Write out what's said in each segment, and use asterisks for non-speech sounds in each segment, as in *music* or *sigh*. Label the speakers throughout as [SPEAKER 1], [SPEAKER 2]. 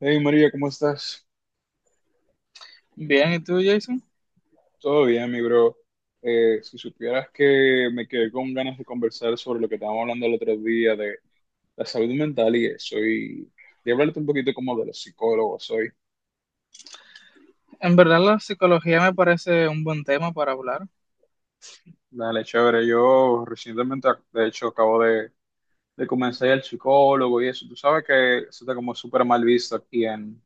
[SPEAKER 1] Hey María, ¿cómo estás?
[SPEAKER 2] Bien, ¿y tú, Jason?
[SPEAKER 1] Todo bien, mi bro. Si supieras que me quedé con ganas de conversar sobre lo que estábamos hablando el otro día de la salud mental y eso, y de hablarte un poquito como de los psicólogos soy.
[SPEAKER 2] En verdad, la psicología me parece un buen tema para hablar.
[SPEAKER 1] Dale, chévere. Yo recientemente, de hecho, de comenzar el psicólogo y eso. Tú sabes que eso está como súper mal visto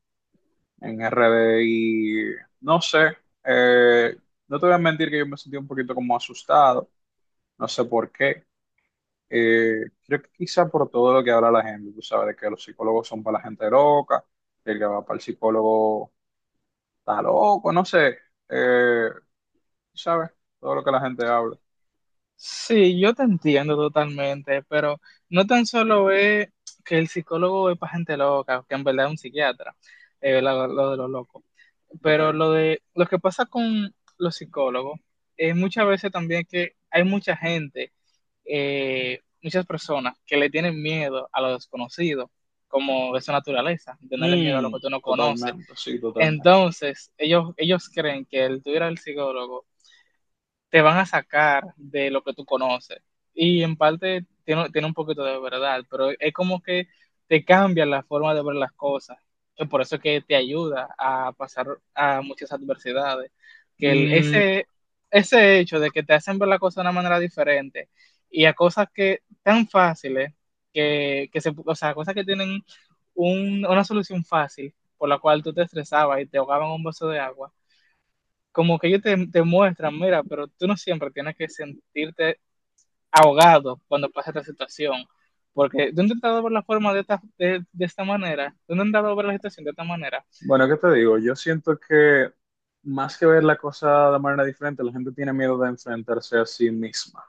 [SPEAKER 1] en RD y no sé, eh, no te voy a mentir que yo me sentí un poquito como asustado, no sé por qué. Creo que quizá por todo lo que habla la gente, tú sabes, de que los psicólogos son para la gente loca, el que va para el psicólogo está loco, no sé, eh, tú sabes, todo lo que la gente habla.
[SPEAKER 2] Sí, yo te entiendo totalmente, pero no tan solo es que el psicólogo es para gente loca, que en verdad es un psiquiatra, lo de los locos.
[SPEAKER 1] Ok.
[SPEAKER 2] Pero lo de lo que pasa con los psicólogos es muchas veces también que hay mucha gente, muchas personas que le tienen miedo a lo desconocido, como de su naturaleza, tenerle miedo a lo
[SPEAKER 1] Mm,
[SPEAKER 2] que tú no conoces.
[SPEAKER 1] totalmente, sí, totalmente.
[SPEAKER 2] Entonces, ellos creen que el tú ir al psicólogo te van a sacar de lo que tú conoces. Y en parte tiene un poquito de verdad, pero es como que te cambia la forma de ver las cosas. Y por eso es que te ayuda a pasar a muchas adversidades. Que
[SPEAKER 1] Mm,
[SPEAKER 2] ese hecho de que te hacen ver las cosas de una manera diferente y a cosas que tan fáciles, o sea, cosas que tienen una solución fácil por la cual tú te estresabas y te ahogaban un vaso de agua, como que ellos te muestran, mira, pero tú no siempre tienes que sentirte ahogado cuando pasa esta situación, porque tú has intentado ver la forma de de esta manera, tú has intentado ver la situación de esta manera.
[SPEAKER 1] bueno, ¿qué te digo? Yo siento que más que ver la cosa de manera diferente, la gente tiene miedo de enfrentarse a sí misma,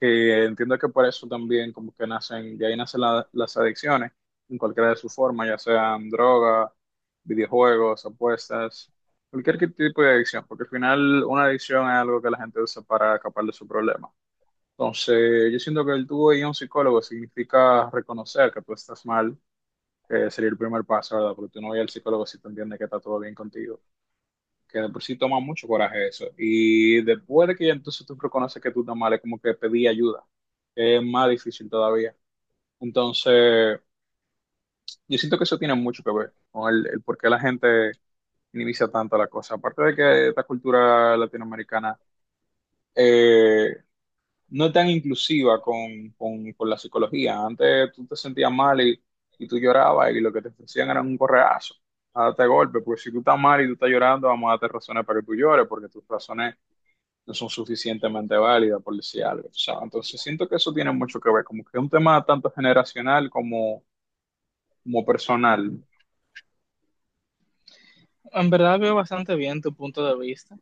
[SPEAKER 1] que entiendo que por eso también como que nacen, de ahí nacen las adicciones en cualquiera de sus formas, ya sean droga, videojuegos, apuestas, tipo de adicción, porque al final una adicción es algo que la gente usa para escapar de su problema. Entonces, yo siento que el tú ir a un psicólogo significa reconocer que tú estás mal, que sería el primer paso, ¿verdad? Porque tú no vas al psicólogo si tú entiendes que está todo bien contigo, que de por sí toma mucho coraje eso. Y después de que ya entonces tú reconoces que tú estás mal, es como que pedí ayuda, que es más difícil todavía. Entonces, yo siento que eso tiene mucho que ver con el por qué la gente minimiza tanto la cosa. Aparte de que esta cultura latinoamericana eh, no es tan inclusiva con la psicología. Antes tú te sentías mal y tú llorabas y lo que te ofrecían era un correazo, a darte golpe, porque si tú estás mal y tú estás llorando, vamos a darte razones para que tú llores, porque tus razones no son suficientemente válidas, por decir algo. O sea, entonces siento que eso tiene mucho que ver, como que es un tema tanto generacional como personal.
[SPEAKER 2] En verdad veo bastante bien tu punto de vista,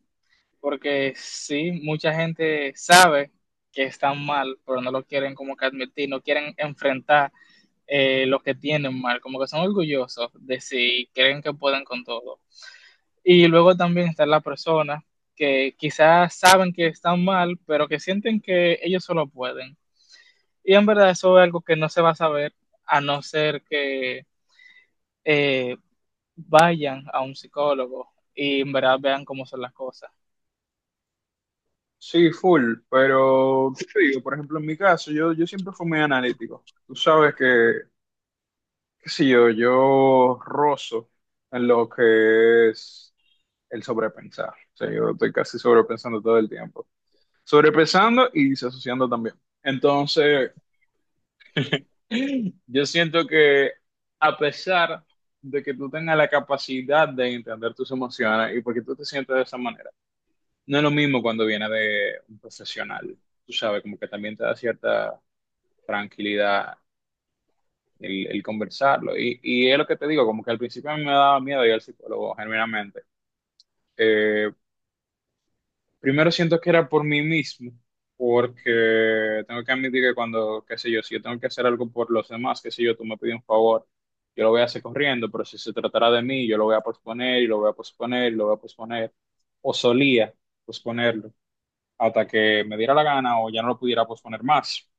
[SPEAKER 2] porque sí, mucha gente sabe que están mal, pero no lo quieren como que admitir, no quieren enfrentar, lo que tienen mal, como que son orgullosos de si creen que pueden con todo. Y luego también están las personas que quizás saben que están mal, pero que sienten que ellos solo pueden. Y en verdad eso es algo que no se va a saber a no ser que eh, vayan a un psicólogo y en verdad vean cómo son las cosas.
[SPEAKER 1] Sí, full, pero ¿qué te digo? Por ejemplo, en mi caso, yo siempre fui muy analítico. Tú sabes que, qué sé yo, yo rozo en lo que es el sobrepensar. O sea, yo estoy casi sobrepensando todo el tiempo. Sobrepensando y disociando también. Entonces, yo siento que a pesar de que tú tengas la capacidad de entender tus emociones y porque tú te sientes de esa manera, no es lo mismo cuando viene de un profesional. Tú sabes, como que también te da cierta tranquilidad el conversarlo. Y es lo que te digo, como que al principio a mí me daba miedo ir al psicólogo, genuinamente. Eh, Primero siento que era por mí mismo, porque tengo que admitir que cuando, qué sé yo, si yo tengo que hacer algo por los demás, qué sé yo, tú me pides un favor, yo lo voy a hacer corriendo, pero si se tratara de mí, yo lo voy a posponer y lo voy a posponer y lo voy a posponer, o solía posponerlo hasta que me diera la gana o ya no lo pudiera posponer más,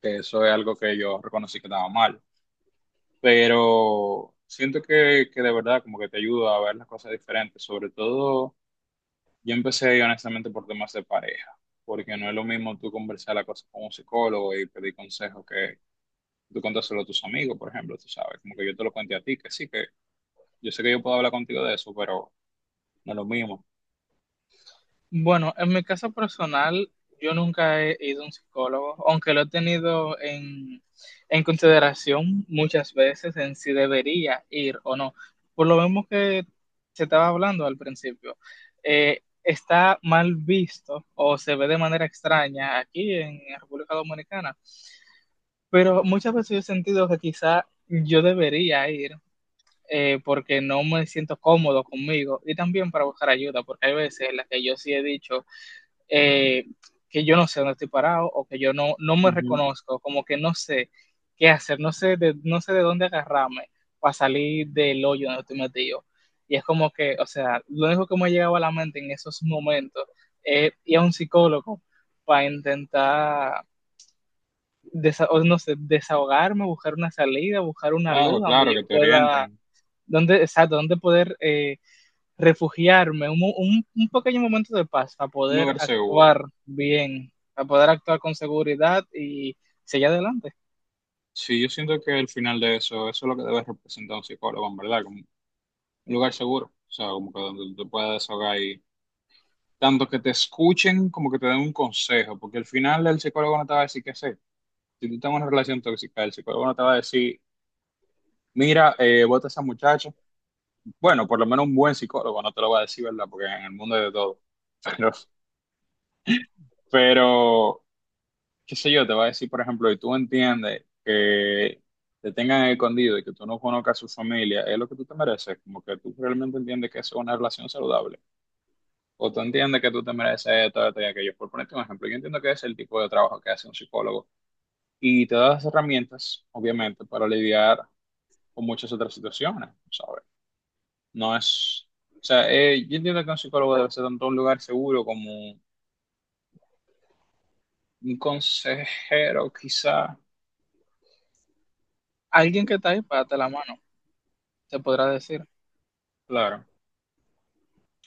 [SPEAKER 1] que eso es algo que yo reconocí que estaba mal, pero siento que de verdad como que te ayuda a ver las cosas diferentes, sobre todo yo empecé ahí honestamente por temas de pareja, porque no es lo mismo tú conversar la cosa con un psicólogo y pedir consejos que tú contárselo a tus amigos, por ejemplo, tú sabes, como que yo te lo cuente a ti, que sí, que yo sé que yo puedo hablar contigo de eso, pero no es lo mismo.
[SPEAKER 2] Bueno, en mi caso personal, yo nunca he ido a un psicólogo, aunque lo he tenido en consideración muchas veces en si debería ir o no. Por lo mismo que se estaba hablando al principio, está mal visto o se ve de manera extraña aquí en República Dominicana, pero muchas veces yo he sentido que quizá yo debería ir. Porque no me siento cómodo conmigo y también para buscar ayuda, porque hay veces en las que yo sí he dicho, eh, que yo no sé dónde estoy parado o que yo no me
[SPEAKER 1] Ujú.
[SPEAKER 2] reconozco, como que no sé qué hacer, no sé de dónde agarrarme para salir del hoyo donde estoy metido. Y es como que, o sea, lo único que me llegaba a la mente en esos momentos es ir a un psicólogo para intentar, o no sé, desahogarme, buscar una salida, buscar una luz
[SPEAKER 1] Claro,
[SPEAKER 2] donde
[SPEAKER 1] claro,
[SPEAKER 2] yo
[SPEAKER 1] que te
[SPEAKER 2] pueda,
[SPEAKER 1] orienten,
[SPEAKER 2] donde, exacto, donde poder refugiarme, un pequeño momento de paz para
[SPEAKER 1] un
[SPEAKER 2] poder
[SPEAKER 1] lugar seguro.
[SPEAKER 2] actuar bien, para poder actuar con seguridad y seguir adelante.
[SPEAKER 1] Sí, yo siento que al final de eso, eso es lo que debe representar un psicólogo, en verdad, como un lugar seguro, o sea, como que donde tú te puedas desahogar y tanto que te escuchen como que te den un consejo, porque al final el psicólogo no te va a decir qué hacer. Si tú tienes una relación tóxica, el psicólogo no te va a decir, mira, bota a esa muchacha. Bueno, por lo menos un buen psicólogo no te lo va a decir, ¿verdad? Porque en el mundo hay de todo. *laughs* Pero, pero, qué sé yo, te va a decir, por ejemplo, y tú entiendes que te tengan escondido y que tú no conozcas a su familia, es lo que tú te mereces. Como que tú realmente entiendes que eso es una relación saludable. O tú entiendes que tú te mereces esto, esto y aquello. Por ponerte un ejemplo, yo entiendo que es el tipo de trabajo que hace un psicólogo y te da las herramientas, obviamente, para lidiar o muchas otras situaciones, ¿sabes? No es, o sea, yo entiendo que un psicólogo debe ser tanto un lugar seguro como un consejero, quizá,
[SPEAKER 2] Alguien que está ahí para darte la mano, te podrá decir.
[SPEAKER 1] claro,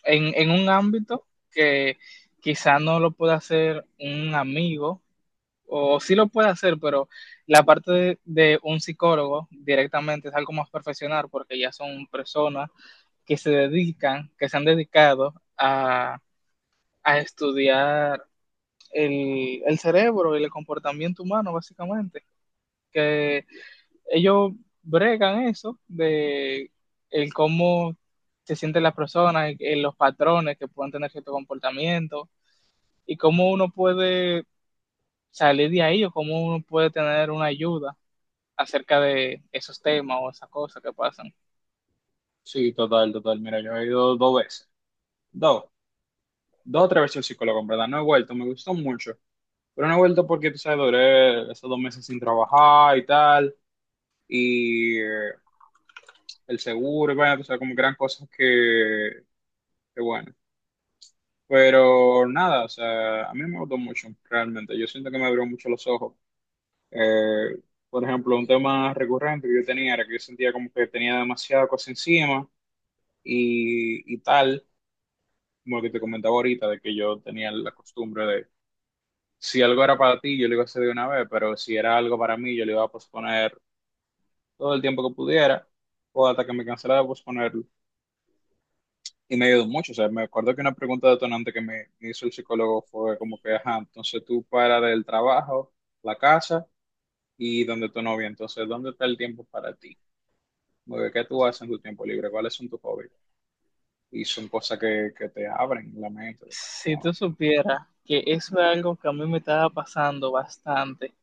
[SPEAKER 2] En un ámbito que quizá no lo pueda hacer un amigo, o sí lo puede hacer, pero la parte de un psicólogo directamente es algo más profesional porque ya son personas que se dedican, que se han dedicado a estudiar el cerebro y el comportamiento humano, básicamente. Que ellos bregan eso de el cómo se sienten las personas, en los patrones que pueden tener cierto comportamiento y cómo uno puede salir de ahí o cómo uno puede tener una ayuda acerca de esos temas o esas cosas que pasan.
[SPEAKER 1] sí, total, total, mira, yo he ido dos veces, dos, dos o tres veces al psicólogo, en verdad, no he vuelto, me gustó mucho, pero no he vuelto porque, tú sabes, duré esos dos meses sin trabajar y tal, y el seguro, y bueno, tú sabes, como que eran cosas que bueno. Pero nada, o sea, a mí me gustó mucho, realmente. Yo siento que me abrió mucho los ojos. Eh, por ejemplo, un tema recurrente que yo tenía era que yo sentía como que tenía demasiada cosa encima y tal, como lo que te comentaba ahorita, de que yo tenía la costumbre de, si algo era para ti, yo lo iba a hacer de una vez, pero si era algo para mí, yo lo iba a posponer todo el tiempo que pudiera o hasta que me cansara de posponerlo. Y me ayudó mucho, o sea, me acuerdo que una pregunta detonante que me hizo el psicólogo fue como que, ajá, entonces tú para del trabajo, la casa y donde tu novia, entonces, ¿dónde está el tiempo para ti? Como que, ¿qué tú haces en tu tiempo libre? ¿Cuáles son tus hobbies? Y son cosas que te abren la mente,
[SPEAKER 2] Si tú
[SPEAKER 1] definitivamente.
[SPEAKER 2] supieras que eso es algo que a mí me estaba pasando bastante.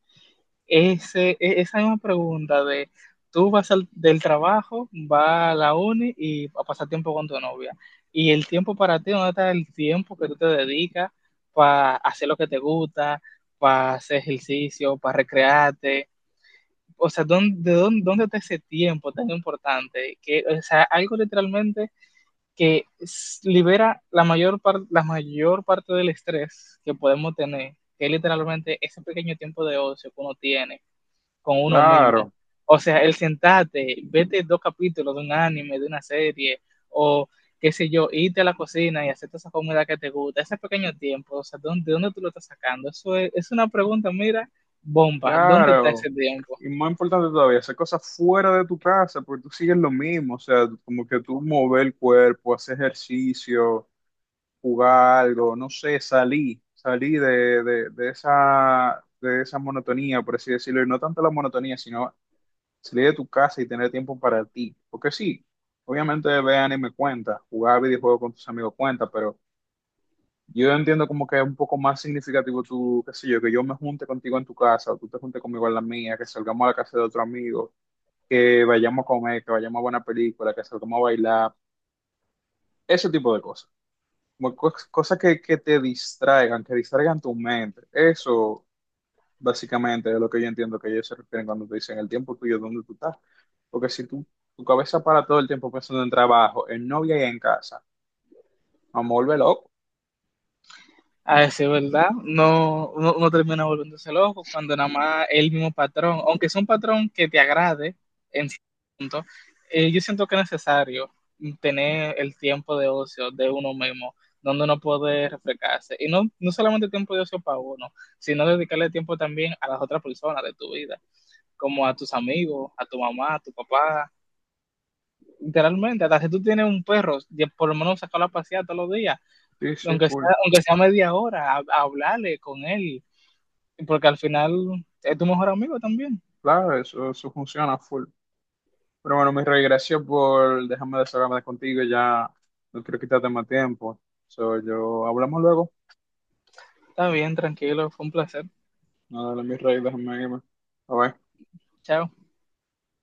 [SPEAKER 2] Esa misma pregunta de tú vas del trabajo, vas a la uni y a pasar tiempo con tu novia. Y el tiempo para ti, ¿dónde está el tiempo que tú te dedicas para hacer lo que te gusta, para hacer ejercicio, para recrearte? O sea, ¿ dónde está ese tiempo tan importante? Que, o sea, algo literalmente que libera la mayor parte del estrés que podemos tener, que es literalmente ese pequeño tiempo de ocio que uno tiene con uno mismo.
[SPEAKER 1] Claro,
[SPEAKER 2] O sea, el sentarte, vete dos capítulos de un anime, de una serie, o qué sé yo, irte a la cocina y hacerte esa comida que te gusta, ese pequeño tiempo, o sea, ¿ de dónde tú lo estás sacando? Eso es una pregunta, mira, bomba, ¿dónde está ese
[SPEAKER 1] claro.
[SPEAKER 2] tiempo?
[SPEAKER 1] Y más importante todavía, hacer cosas fuera de tu casa, porque tú sigues lo mismo, o sea, como que tú mover el cuerpo, hacer ejercicio, jugar algo, no sé, salir, salir de esa, de esa monotonía, por así decirlo, y no tanto la monotonía, sino salir de tu casa y tener tiempo para ti. Porque sí, obviamente ver anime cuenta, jugar videojuegos con tus amigos cuenta, pero yo entiendo como que es un poco más significativo tú, qué sé yo, que yo me junte contigo en tu casa, o tú te juntes conmigo en la mía, que salgamos a la casa de otro amigo, que vayamos a comer, que vayamos a buena película, que salgamos a bailar, ese tipo de cosas. Como cosas que te distraigan, que distraigan tu mente. Eso básicamente es lo que yo entiendo que ellos se refieren cuando te dicen el tiempo tuyo, dónde tú estás. Porque si tú, tu cabeza para todo el tiempo pensando en trabajo, en novia y en casa, vamos a volver loco.
[SPEAKER 2] A decir verdad, no, uno termina volviéndose loco cuando nada más es el mismo patrón, aunque sea un patrón que te agrade en cierto punto, yo siento que es necesario tener el tiempo de ocio de uno mismo, donde uno puede refrescarse. Y no, no solamente tiempo de ocio para uno, sino dedicarle tiempo también a las otras personas de tu vida, como a tus amigos, a tu mamá, a tu papá. Literalmente, hasta si tú tienes un perro, ya por lo menos sacarlo a pasear todos los días,
[SPEAKER 1] Sí, sí, full.
[SPEAKER 2] aunque sea media hora, a hablarle con él, porque al final es tu mejor amigo también.
[SPEAKER 1] Claro, eso funciona full. Pero bueno, mi rey, gracias por dejarme desahogarme contigo. Ya no quiero quitarte más tiempo. So, yo hablamos luego.
[SPEAKER 2] Está bien, tranquilo, fue un placer.
[SPEAKER 1] Nada, mi rey, déjame irme. Bye, bye.
[SPEAKER 2] Chao.